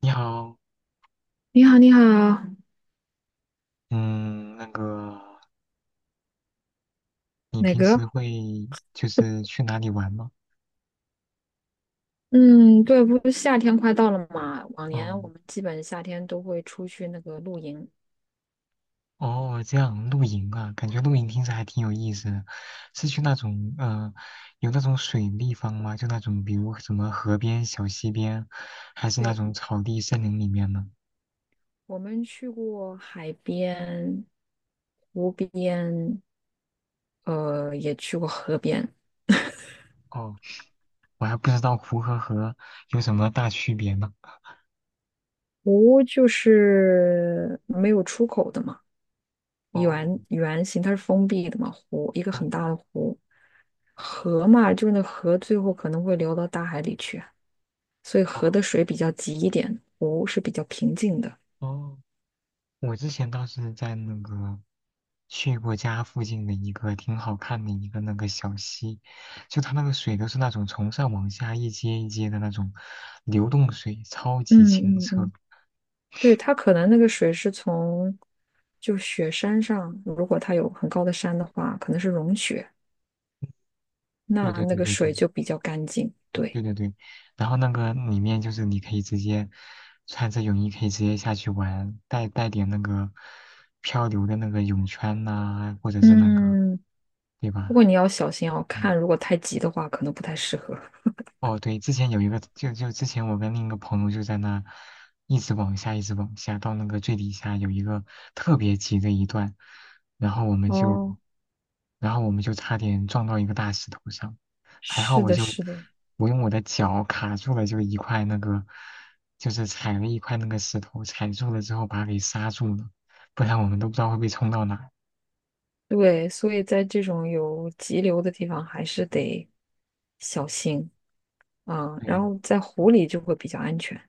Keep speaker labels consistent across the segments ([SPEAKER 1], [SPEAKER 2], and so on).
[SPEAKER 1] 你好，
[SPEAKER 2] 你好，你好。
[SPEAKER 1] 嗯，那个，你
[SPEAKER 2] 哪
[SPEAKER 1] 平时
[SPEAKER 2] 个？
[SPEAKER 1] 会就是去哪里玩吗？
[SPEAKER 2] 嗯，对，不是夏天快到了嘛？往年我
[SPEAKER 1] 嗯，
[SPEAKER 2] 们基本夏天都会出去那个露营。
[SPEAKER 1] 哦，这样露营啊，感觉露营听着还挺有意思的，是去那种有那种水地方吗？就那种比如什么河边、小溪边，还是那
[SPEAKER 2] 对，
[SPEAKER 1] 种草地、森林里面呢？
[SPEAKER 2] 我们去过海边、湖边，也去过河边。
[SPEAKER 1] 哦，我还不知道湖和河有什么大区别呢。
[SPEAKER 2] 湖就是没有出口的嘛，
[SPEAKER 1] 哦，
[SPEAKER 2] 圆圆形，它是封闭的嘛，湖一个很
[SPEAKER 1] 哦
[SPEAKER 2] 大的湖。河嘛，就是那河最后可能会流到大海里去啊，所以河的
[SPEAKER 1] 哦
[SPEAKER 2] 水比较急一点，湖是比较平静的。
[SPEAKER 1] 哦。我之前倒是在那个去过家附近的一个挺好看的一个那个小溪，就它那个水都是那种从上往下一阶一阶的那种流动水，超级清
[SPEAKER 2] 嗯嗯
[SPEAKER 1] 澈。
[SPEAKER 2] 嗯，对，它可能那个水是从就雪山上，如果它有很高的山的话，可能是融雪，
[SPEAKER 1] 对
[SPEAKER 2] 那
[SPEAKER 1] 对
[SPEAKER 2] 那
[SPEAKER 1] 对
[SPEAKER 2] 个
[SPEAKER 1] 对
[SPEAKER 2] 水
[SPEAKER 1] 对
[SPEAKER 2] 就比较干净。对，
[SPEAKER 1] 对对对，然后那个里面就是你可以直接穿着泳衣可以直接下去玩，带点那个漂流的那个泳圈呐、或者是那个，
[SPEAKER 2] 嗯，
[SPEAKER 1] 对
[SPEAKER 2] 不
[SPEAKER 1] 吧？
[SPEAKER 2] 过你要小心哦，
[SPEAKER 1] 嗯。
[SPEAKER 2] 看如果太急的话，可能不太适合。
[SPEAKER 1] 哦，对，之前有一个，就之前我跟另一个朋友就在那一直往下，一直往下，到那个最底下有一个特别急的一段，然后我们就，
[SPEAKER 2] 哦，
[SPEAKER 1] 然后我们就差点撞到一个大石头上，还好
[SPEAKER 2] 是的，是的，
[SPEAKER 1] 我用我的脚卡住了，就一块那个，就是踩了一块那个石头，踩住了之后把它给刹住了，不然我们都不知道会被冲到哪儿。
[SPEAKER 2] 对，所以在这种有急流的地方，还是得小心啊，然
[SPEAKER 1] 对
[SPEAKER 2] 后在湖里就会比较安全。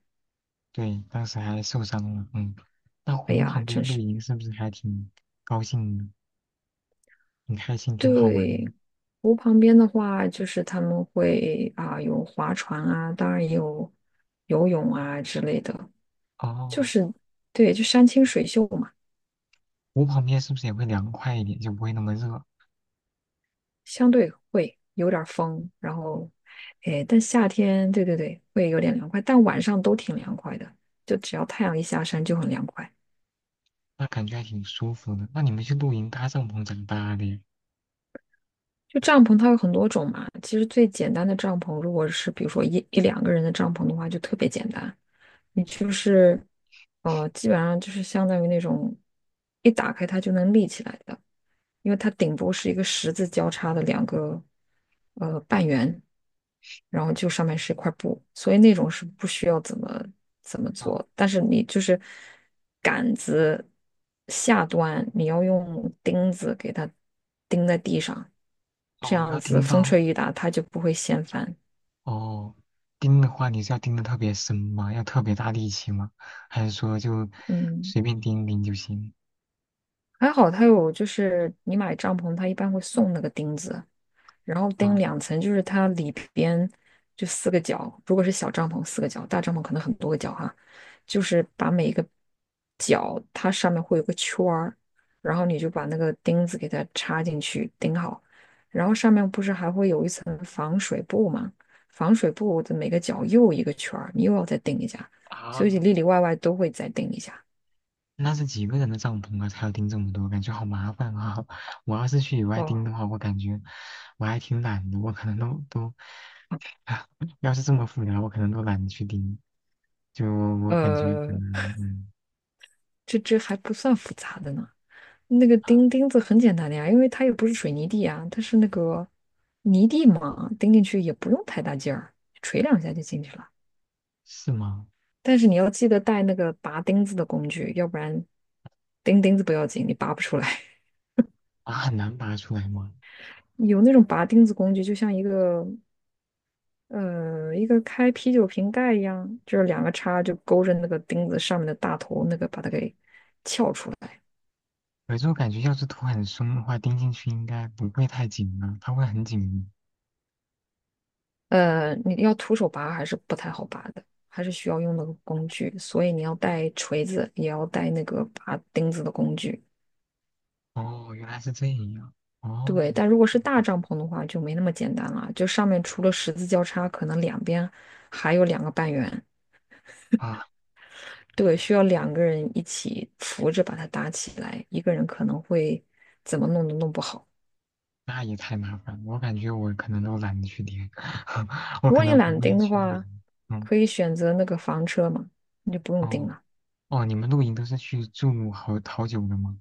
[SPEAKER 1] 对，当时还受伤了，嗯。那
[SPEAKER 2] 哎
[SPEAKER 1] 湖
[SPEAKER 2] 呀，
[SPEAKER 1] 旁
[SPEAKER 2] 真
[SPEAKER 1] 边露
[SPEAKER 2] 是。
[SPEAKER 1] 营是不是还挺高兴的？很开心，挺好玩
[SPEAKER 2] 对，
[SPEAKER 1] 的。
[SPEAKER 2] 湖旁边的话，就是他们会啊、有划船啊，当然也有游泳啊之类的，就
[SPEAKER 1] 哦，
[SPEAKER 2] 是对，就山清水秀嘛，
[SPEAKER 1] 我旁边是不是也会凉快一点，就不会那么热？
[SPEAKER 2] 相对会有点儿风，然后哎，但夏天对对对会有点凉快，但晚上都挺凉快的，就只要太阳一下山就很凉快。
[SPEAKER 1] 那感觉还挺舒服的。那你们去露营搭帐篷怎么搭的呀？
[SPEAKER 2] 就帐篷它有很多种嘛，其实最简单的帐篷，如果是比如说一两个人的帐篷的话，就特别简单。你就是，基本上就是相当于那种一打开它就能立起来的，因为它顶部是一个十字交叉的两个半圆，然后就上面是一块布，所以那种是不需要怎么
[SPEAKER 1] 哦
[SPEAKER 2] 做，但是你就是杆子下端你要用钉子给它钉在地上，这
[SPEAKER 1] 哦，
[SPEAKER 2] 样
[SPEAKER 1] 要
[SPEAKER 2] 子
[SPEAKER 1] 钉
[SPEAKER 2] 风
[SPEAKER 1] 到
[SPEAKER 2] 吹雨打它就不会掀翻。
[SPEAKER 1] 哦，钉的话你是要钉的特别深吗？要特别大力气吗？还是说就
[SPEAKER 2] 嗯。
[SPEAKER 1] 随便钉一钉就行？
[SPEAKER 2] 还好它有，就是你买帐篷，它一般会送那个钉子，然后钉
[SPEAKER 1] 哦
[SPEAKER 2] 两层，就是它里边就四个角，如果是小帐篷四个角，大帐篷可能很多个角哈，就是把每一个角它上面会有个圈儿，然后你就把那个钉子给它插进去钉好，然后上面不是还会有一层防水布吗？防水布的每个角又一个圈儿，你又要再钉一下，所以
[SPEAKER 1] 啊，
[SPEAKER 2] 里里外外都会再钉一下。
[SPEAKER 1] 那是几个人的帐篷啊？才要钉这么多，感觉好麻烦啊！我要是去野外
[SPEAKER 2] 哦，
[SPEAKER 1] 钉的话，我感觉我还挺懒的，我可能都。要是这么复杂，我可能都懒得去盯。就我感觉可
[SPEAKER 2] 呃，
[SPEAKER 1] 能，
[SPEAKER 2] 这还不算复杂的呢。那个钉钉子很简单的呀，因为它又不是水泥地啊，它是那个泥地嘛，钉进去也不用太大劲儿，锤两下就进去了。
[SPEAKER 1] 是吗？
[SPEAKER 2] 但是你要记得带那个拔钉子的工具，要不然钉钉子不要紧，你拔不出来。
[SPEAKER 1] 啊，很难拔出来吗？
[SPEAKER 2] 有那种拔钉子工具，就像一个一个开啤酒瓶盖一样，就是两个叉就勾着那个钉子上面的大头，那个把它给撬出来。
[SPEAKER 1] 有是我感觉要是头很松的话，钉进去应该不会太紧了，它会很紧密。
[SPEAKER 2] 你要徒手拔还是不太好拔的，还是需要用那个工具，所以你要带锤子，也要带那个拔钉子的工具。
[SPEAKER 1] 哦，原来是这样。哦，
[SPEAKER 2] 对，但如果是大帐篷的话，就没那么简单了，就上面除了十字交叉，可能两边还有两个半圆。
[SPEAKER 1] 啊，
[SPEAKER 2] 对，需要两个人一起扶着把它搭起来，一个人可能会怎么弄都弄不好。
[SPEAKER 1] 那也太麻烦了，我感觉我可能都懒得去钉，我
[SPEAKER 2] 如
[SPEAKER 1] 可
[SPEAKER 2] 果你
[SPEAKER 1] 能
[SPEAKER 2] 懒
[SPEAKER 1] 不
[SPEAKER 2] 得
[SPEAKER 1] 会
[SPEAKER 2] 钉的
[SPEAKER 1] 去露
[SPEAKER 2] 话，
[SPEAKER 1] 营。嗯，
[SPEAKER 2] 可以选择那个房车嘛，你就不用钉
[SPEAKER 1] 哦
[SPEAKER 2] 了。
[SPEAKER 1] 哦，你们露营都是去住好久的吗？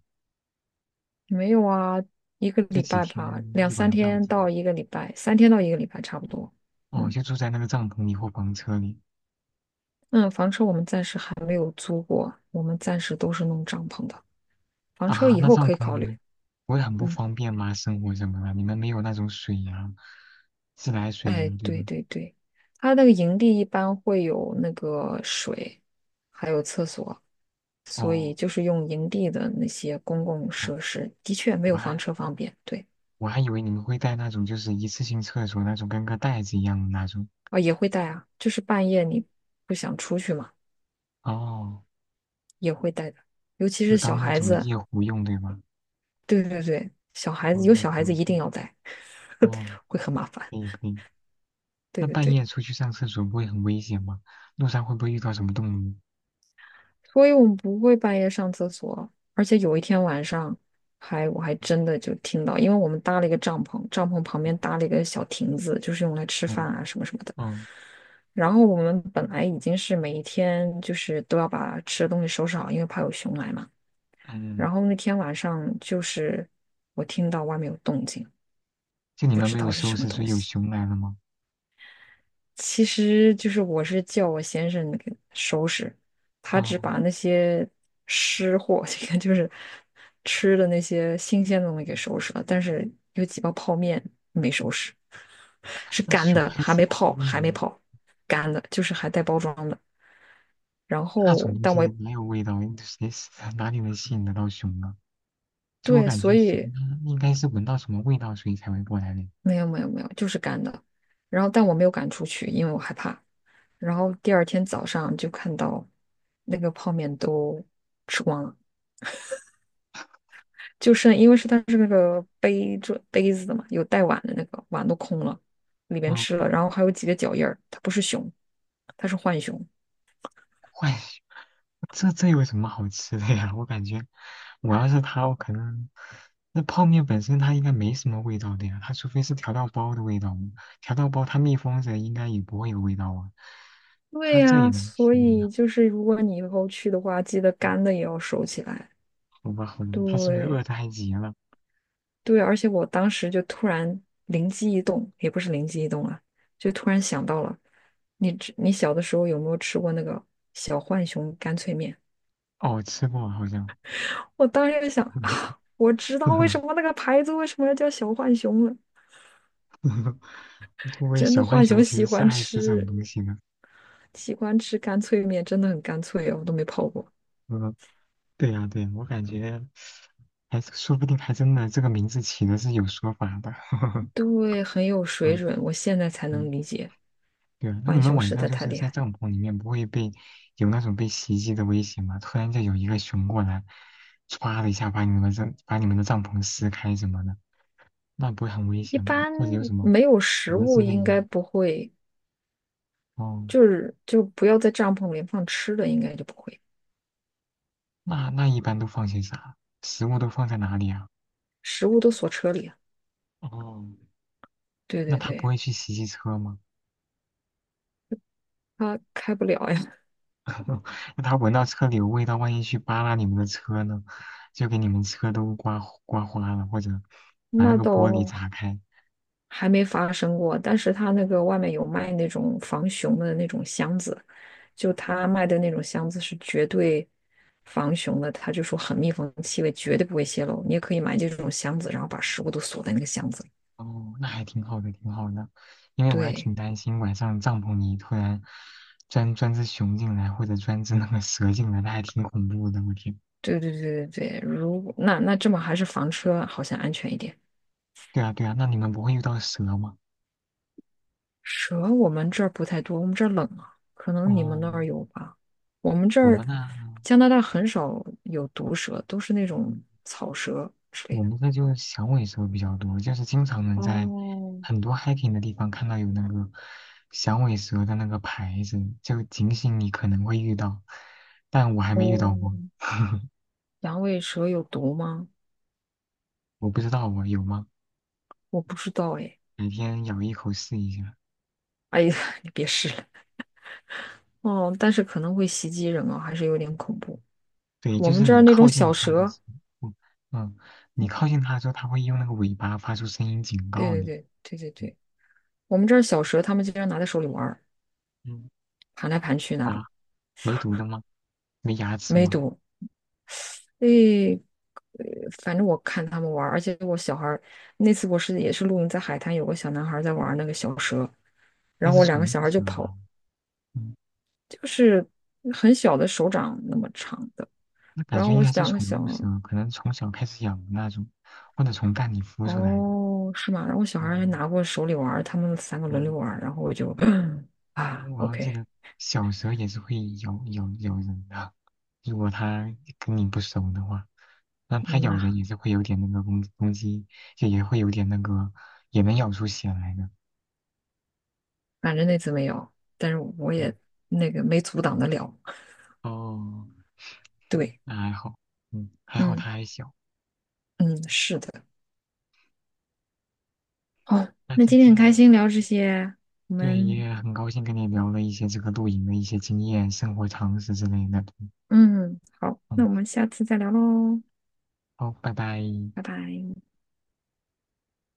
[SPEAKER 2] 没有啊，一个
[SPEAKER 1] 就
[SPEAKER 2] 礼
[SPEAKER 1] 几
[SPEAKER 2] 拜吧，
[SPEAKER 1] 天
[SPEAKER 2] 两
[SPEAKER 1] 一
[SPEAKER 2] 三
[SPEAKER 1] 晚上
[SPEAKER 2] 天
[SPEAKER 1] 之类
[SPEAKER 2] 到一个礼拜，三天到一个礼拜差不多。
[SPEAKER 1] 的？哦，
[SPEAKER 2] 嗯
[SPEAKER 1] 就住在那个帐篷里或房车里。
[SPEAKER 2] 嗯，房车我们暂时还没有租过，我们暂时都是弄帐篷的。房车
[SPEAKER 1] 啊，
[SPEAKER 2] 以
[SPEAKER 1] 那
[SPEAKER 2] 后
[SPEAKER 1] 帐
[SPEAKER 2] 可以
[SPEAKER 1] 篷
[SPEAKER 2] 考
[SPEAKER 1] 你
[SPEAKER 2] 虑。
[SPEAKER 1] 们不会很不
[SPEAKER 2] 嗯，
[SPEAKER 1] 方便吗？生活什么的，你们没有那种水呀、自来水呀、
[SPEAKER 2] 哎，
[SPEAKER 1] 对吧？
[SPEAKER 2] 对对对，它那个营地一般会有那个水，还有厕所，所以
[SPEAKER 1] 哦
[SPEAKER 2] 就是用营地的那些公共
[SPEAKER 1] 哦，
[SPEAKER 2] 设施，的确没
[SPEAKER 1] 我
[SPEAKER 2] 有房
[SPEAKER 1] 还
[SPEAKER 2] 车方便。对
[SPEAKER 1] 我还以为你们会带那种就是一次性厕所那种跟个袋子一样的那种。
[SPEAKER 2] 啊，也会带啊，就是半夜你不想出去嘛，
[SPEAKER 1] 哦，
[SPEAKER 2] 也会带的。尤其
[SPEAKER 1] 就
[SPEAKER 2] 是小
[SPEAKER 1] 当那
[SPEAKER 2] 孩
[SPEAKER 1] 种
[SPEAKER 2] 子，
[SPEAKER 1] 夜壶用，对吧？
[SPEAKER 2] 对对对，小孩
[SPEAKER 1] 哦
[SPEAKER 2] 子有小
[SPEAKER 1] ，OK
[SPEAKER 2] 孩子一定
[SPEAKER 1] OK,
[SPEAKER 2] 要带，
[SPEAKER 1] 哦，
[SPEAKER 2] 会很麻烦。
[SPEAKER 1] 可以可以。
[SPEAKER 2] 对
[SPEAKER 1] 那
[SPEAKER 2] 对
[SPEAKER 1] 半
[SPEAKER 2] 对，
[SPEAKER 1] 夜出去上厕所不会很危险吗？路上会不会遇到什么动物？
[SPEAKER 2] 所以我们不会半夜上厕所，而且有一天晚上我还真的就听到，因为我们搭了一个帐篷，帐篷旁边
[SPEAKER 1] 嗯
[SPEAKER 2] 搭了一个小亭子，就是用来吃饭
[SPEAKER 1] 嗯
[SPEAKER 2] 啊什么什么的。
[SPEAKER 1] 嗯
[SPEAKER 2] 然后我们本来已经是每一天就是都要把吃的东西收拾好，因为怕有熊来嘛。
[SPEAKER 1] 嗯，
[SPEAKER 2] 然后那天晚上就是我听到外面有动静，
[SPEAKER 1] 就你
[SPEAKER 2] 不
[SPEAKER 1] 们
[SPEAKER 2] 知
[SPEAKER 1] 没有
[SPEAKER 2] 道是
[SPEAKER 1] 收
[SPEAKER 2] 什么
[SPEAKER 1] 拾，所
[SPEAKER 2] 东
[SPEAKER 1] 以有
[SPEAKER 2] 西。
[SPEAKER 1] 熊来了吗？
[SPEAKER 2] 其实就是我是叫我先生那个收拾，他
[SPEAKER 1] 啊、
[SPEAKER 2] 只把那些湿货，这个就是吃的那些新鲜的东西给收拾了，但是有几包泡面没收拾，是
[SPEAKER 1] 那
[SPEAKER 2] 干
[SPEAKER 1] 熊
[SPEAKER 2] 的，
[SPEAKER 1] 还
[SPEAKER 2] 还
[SPEAKER 1] 吃
[SPEAKER 2] 没
[SPEAKER 1] 泡
[SPEAKER 2] 泡，
[SPEAKER 1] 面
[SPEAKER 2] 还没
[SPEAKER 1] 吗？
[SPEAKER 2] 泡，干的，就是还带包装的。然
[SPEAKER 1] 那种
[SPEAKER 2] 后，
[SPEAKER 1] 东
[SPEAKER 2] 但
[SPEAKER 1] 西
[SPEAKER 2] 我
[SPEAKER 1] 没有味道，谁 哪里能吸引得到熊呢？就我
[SPEAKER 2] 对，
[SPEAKER 1] 感
[SPEAKER 2] 所
[SPEAKER 1] 觉熊
[SPEAKER 2] 以
[SPEAKER 1] 它应该是闻到什么味道，所以才会过来的。
[SPEAKER 2] 没有没有没有，就是干的。然后，但我没有赶出去，因为我害怕。然后第二天早上就看到那个泡面都吃光了。就是因为是它是那个杯子的嘛，有带碗的那个碗都空了，里边
[SPEAKER 1] 嗯，
[SPEAKER 2] 吃了，然后还有几个脚印儿，它不是熊，它是浣熊。
[SPEAKER 1] 怪熊这有什么好吃的呀？我感觉我要是它，我可能那泡面本身它应该没什么味道的呀，它除非是调料包的味道嘛，调料包它密封着应该也不会有味道啊。
[SPEAKER 2] 对
[SPEAKER 1] 它这也
[SPEAKER 2] 呀，
[SPEAKER 1] 能
[SPEAKER 2] 所
[SPEAKER 1] 吃的呀？
[SPEAKER 2] 以就是如果你以后去的话，记得
[SPEAKER 1] 嗯
[SPEAKER 2] 干的也要收起来。
[SPEAKER 1] 好吧，好吧，它是不是饿
[SPEAKER 2] 对
[SPEAKER 1] 得太急了？
[SPEAKER 2] 对，而且我当时就突然灵机一动，也不是灵机一动啊，就突然想到了，你小的时候有没有吃过那个小浣熊干脆面？
[SPEAKER 1] 哦，吃过好像。
[SPEAKER 2] 我当时就想，啊我知道为什么那 个牌子为什么要叫小浣熊了。
[SPEAKER 1] 会不会
[SPEAKER 2] 真的
[SPEAKER 1] 小浣
[SPEAKER 2] 浣
[SPEAKER 1] 熊
[SPEAKER 2] 熊
[SPEAKER 1] 其实
[SPEAKER 2] 喜
[SPEAKER 1] 是
[SPEAKER 2] 欢
[SPEAKER 1] 爱吃这种
[SPEAKER 2] 吃，
[SPEAKER 1] 东西呢？
[SPEAKER 2] 喜欢吃干脆面，真的很干脆哦，我都没泡过。
[SPEAKER 1] 嗯，对呀，对呀，我感觉还是说不定还真的这个名字起的是有说法的。
[SPEAKER 2] 对，很有水
[SPEAKER 1] 嗯
[SPEAKER 2] 准，我现在才能
[SPEAKER 1] 嗯，
[SPEAKER 2] 理解，
[SPEAKER 1] 对啊，那你
[SPEAKER 2] 浣
[SPEAKER 1] 们
[SPEAKER 2] 熊
[SPEAKER 1] 晚
[SPEAKER 2] 实
[SPEAKER 1] 上
[SPEAKER 2] 在
[SPEAKER 1] 就
[SPEAKER 2] 太
[SPEAKER 1] 是
[SPEAKER 2] 厉
[SPEAKER 1] 在
[SPEAKER 2] 害。
[SPEAKER 1] 帐篷里面不会被有那种被袭击的危险吗？突然就有一个熊过来，歘的一下把你们的帐篷撕开什么的，那不会很危
[SPEAKER 2] 一
[SPEAKER 1] 险吗？
[SPEAKER 2] 般
[SPEAKER 1] 或者有什么
[SPEAKER 2] 没有
[SPEAKER 1] 蛇
[SPEAKER 2] 食物
[SPEAKER 1] 之类
[SPEAKER 2] 应
[SPEAKER 1] 的？
[SPEAKER 2] 该不会，
[SPEAKER 1] 哦，
[SPEAKER 2] 就是就不要在帐篷里放吃的，应该就不会，
[SPEAKER 1] 那一般都放些啥？食物都放在哪里啊？
[SPEAKER 2] 食物都锁车里啊，
[SPEAKER 1] 哦，
[SPEAKER 2] 对
[SPEAKER 1] 那
[SPEAKER 2] 对
[SPEAKER 1] 它不
[SPEAKER 2] 对，
[SPEAKER 1] 会去袭击车吗？
[SPEAKER 2] 它开不了呀，
[SPEAKER 1] 那他闻到车里有味道，万一去扒拉你们的车呢，就给你们车都刮花了，或者把那
[SPEAKER 2] 那
[SPEAKER 1] 个玻璃
[SPEAKER 2] 倒
[SPEAKER 1] 砸开。
[SPEAKER 2] 还没发生过，但是它那个外面有卖那种防熊的那种箱子。就他卖的那种箱子是绝对防熊的，他就说很密封，气味绝对不会泄露。你也可以买这种箱子，然后把食物都锁在那个箱子里。
[SPEAKER 1] 哦，那还挺好的，挺好的。因为我还
[SPEAKER 2] 对，
[SPEAKER 1] 挺担心晚上帐篷里突然钻只熊进来，或者钻只那个蛇进来，那还挺恐怖的。我天。
[SPEAKER 2] 对对对对对，如果那这么还是房车好像安全一点。
[SPEAKER 1] 对啊，对啊，那你们不会遇到蛇吗？
[SPEAKER 2] 蛇我们这儿不太多，我们这儿冷啊，可能你们那
[SPEAKER 1] 哦，
[SPEAKER 2] 儿有吧。我们这
[SPEAKER 1] 我
[SPEAKER 2] 儿
[SPEAKER 1] 们那
[SPEAKER 2] 加拿大很少有毒蛇，都是那种草蛇之类
[SPEAKER 1] 我
[SPEAKER 2] 的。
[SPEAKER 1] 们这就是响尾蛇比较多，就是经常能在
[SPEAKER 2] 哦
[SPEAKER 1] 很多 hiking 的地方看到有那个响尾蛇的那个牌子，就警醒你可能会遇到，但我还没遇到过，
[SPEAKER 2] 哦，阳痿蛇有毒吗？
[SPEAKER 1] 我不知道我有吗？
[SPEAKER 2] 我不知道哎。
[SPEAKER 1] 改天咬一口试一下。
[SPEAKER 2] 哎呀，你别试了哦，但是可能会袭击人啊，还是有点恐怖。
[SPEAKER 1] 对，
[SPEAKER 2] 我
[SPEAKER 1] 就
[SPEAKER 2] 们
[SPEAKER 1] 是
[SPEAKER 2] 这
[SPEAKER 1] 你
[SPEAKER 2] 儿那种
[SPEAKER 1] 靠近
[SPEAKER 2] 小
[SPEAKER 1] 它的
[SPEAKER 2] 蛇，
[SPEAKER 1] 时候，嗯，你靠近它的时候，它会用那个尾巴发出声音警
[SPEAKER 2] 对
[SPEAKER 1] 告
[SPEAKER 2] 对
[SPEAKER 1] 你。
[SPEAKER 2] 对对对对，我们这儿小蛇，他们经常拿在手里玩儿，
[SPEAKER 1] 嗯
[SPEAKER 2] 盘来盘去那
[SPEAKER 1] 啊，
[SPEAKER 2] 种，
[SPEAKER 1] 没毒的吗？没牙齿
[SPEAKER 2] 没
[SPEAKER 1] 吗？
[SPEAKER 2] 毒。诶，反正我看他们玩儿，而且我小孩儿那次我是也是露营在海滩，有个小男孩儿在玩儿那个小蛇，
[SPEAKER 1] 那
[SPEAKER 2] 然后
[SPEAKER 1] 是
[SPEAKER 2] 我两
[SPEAKER 1] 宠
[SPEAKER 2] 个小
[SPEAKER 1] 物
[SPEAKER 2] 孩儿就
[SPEAKER 1] 蛇
[SPEAKER 2] 跑，
[SPEAKER 1] 吧？嗯。
[SPEAKER 2] 就是很小的手掌那么长的，
[SPEAKER 1] 那感
[SPEAKER 2] 然
[SPEAKER 1] 觉
[SPEAKER 2] 后
[SPEAKER 1] 应
[SPEAKER 2] 我
[SPEAKER 1] 该是
[SPEAKER 2] 两个
[SPEAKER 1] 宠
[SPEAKER 2] 小
[SPEAKER 1] 物蛇，可能从小开始养的那种，或者从蛋里孵出来的。
[SPEAKER 2] 哦，是吗？然后小孩还
[SPEAKER 1] 哦，
[SPEAKER 2] 拿过手里玩儿他们三个轮
[SPEAKER 1] 嗯，
[SPEAKER 2] 流玩儿然后我就
[SPEAKER 1] 因
[SPEAKER 2] 啊
[SPEAKER 1] 为我要记
[SPEAKER 2] ，OK，
[SPEAKER 1] 得小蛇也是会咬人的，如果它跟你不熟的话，那它
[SPEAKER 2] 嗯
[SPEAKER 1] 咬人
[SPEAKER 2] 呐，
[SPEAKER 1] 也是会有点那个攻击，就也会有点那个，也能咬出血来的。
[SPEAKER 2] 反正那次没有，但是我
[SPEAKER 1] 嗯，
[SPEAKER 2] 也那个没阻挡得了。
[SPEAKER 1] 哦，
[SPEAKER 2] 对，
[SPEAKER 1] 那还好，嗯，还好
[SPEAKER 2] 嗯
[SPEAKER 1] 它还小。
[SPEAKER 2] 嗯，是的。哦，
[SPEAKER 1] 那
[SPEAKER 2] 那
[SPEAKER 1] 今
[SPEAKER 2] 今天很
[SPEAKER 1] 天
[SPEAKER 2] 开心聊这些，我
[SPEAKER 1] 对
[SPEAKER 2] 们
[SPEAKER 1] 也很高兴跟你聊了一些这个露营的一些经验、生活常识之类的。
[SPEAKER 2] 嗯好，那
[SPEAKER 1] 嗯，
[SPEAKER 2] 我们下次再聊喽，
[SPEAKER 1] 好，拜拜。
[SPEAKER 2] 拜拜。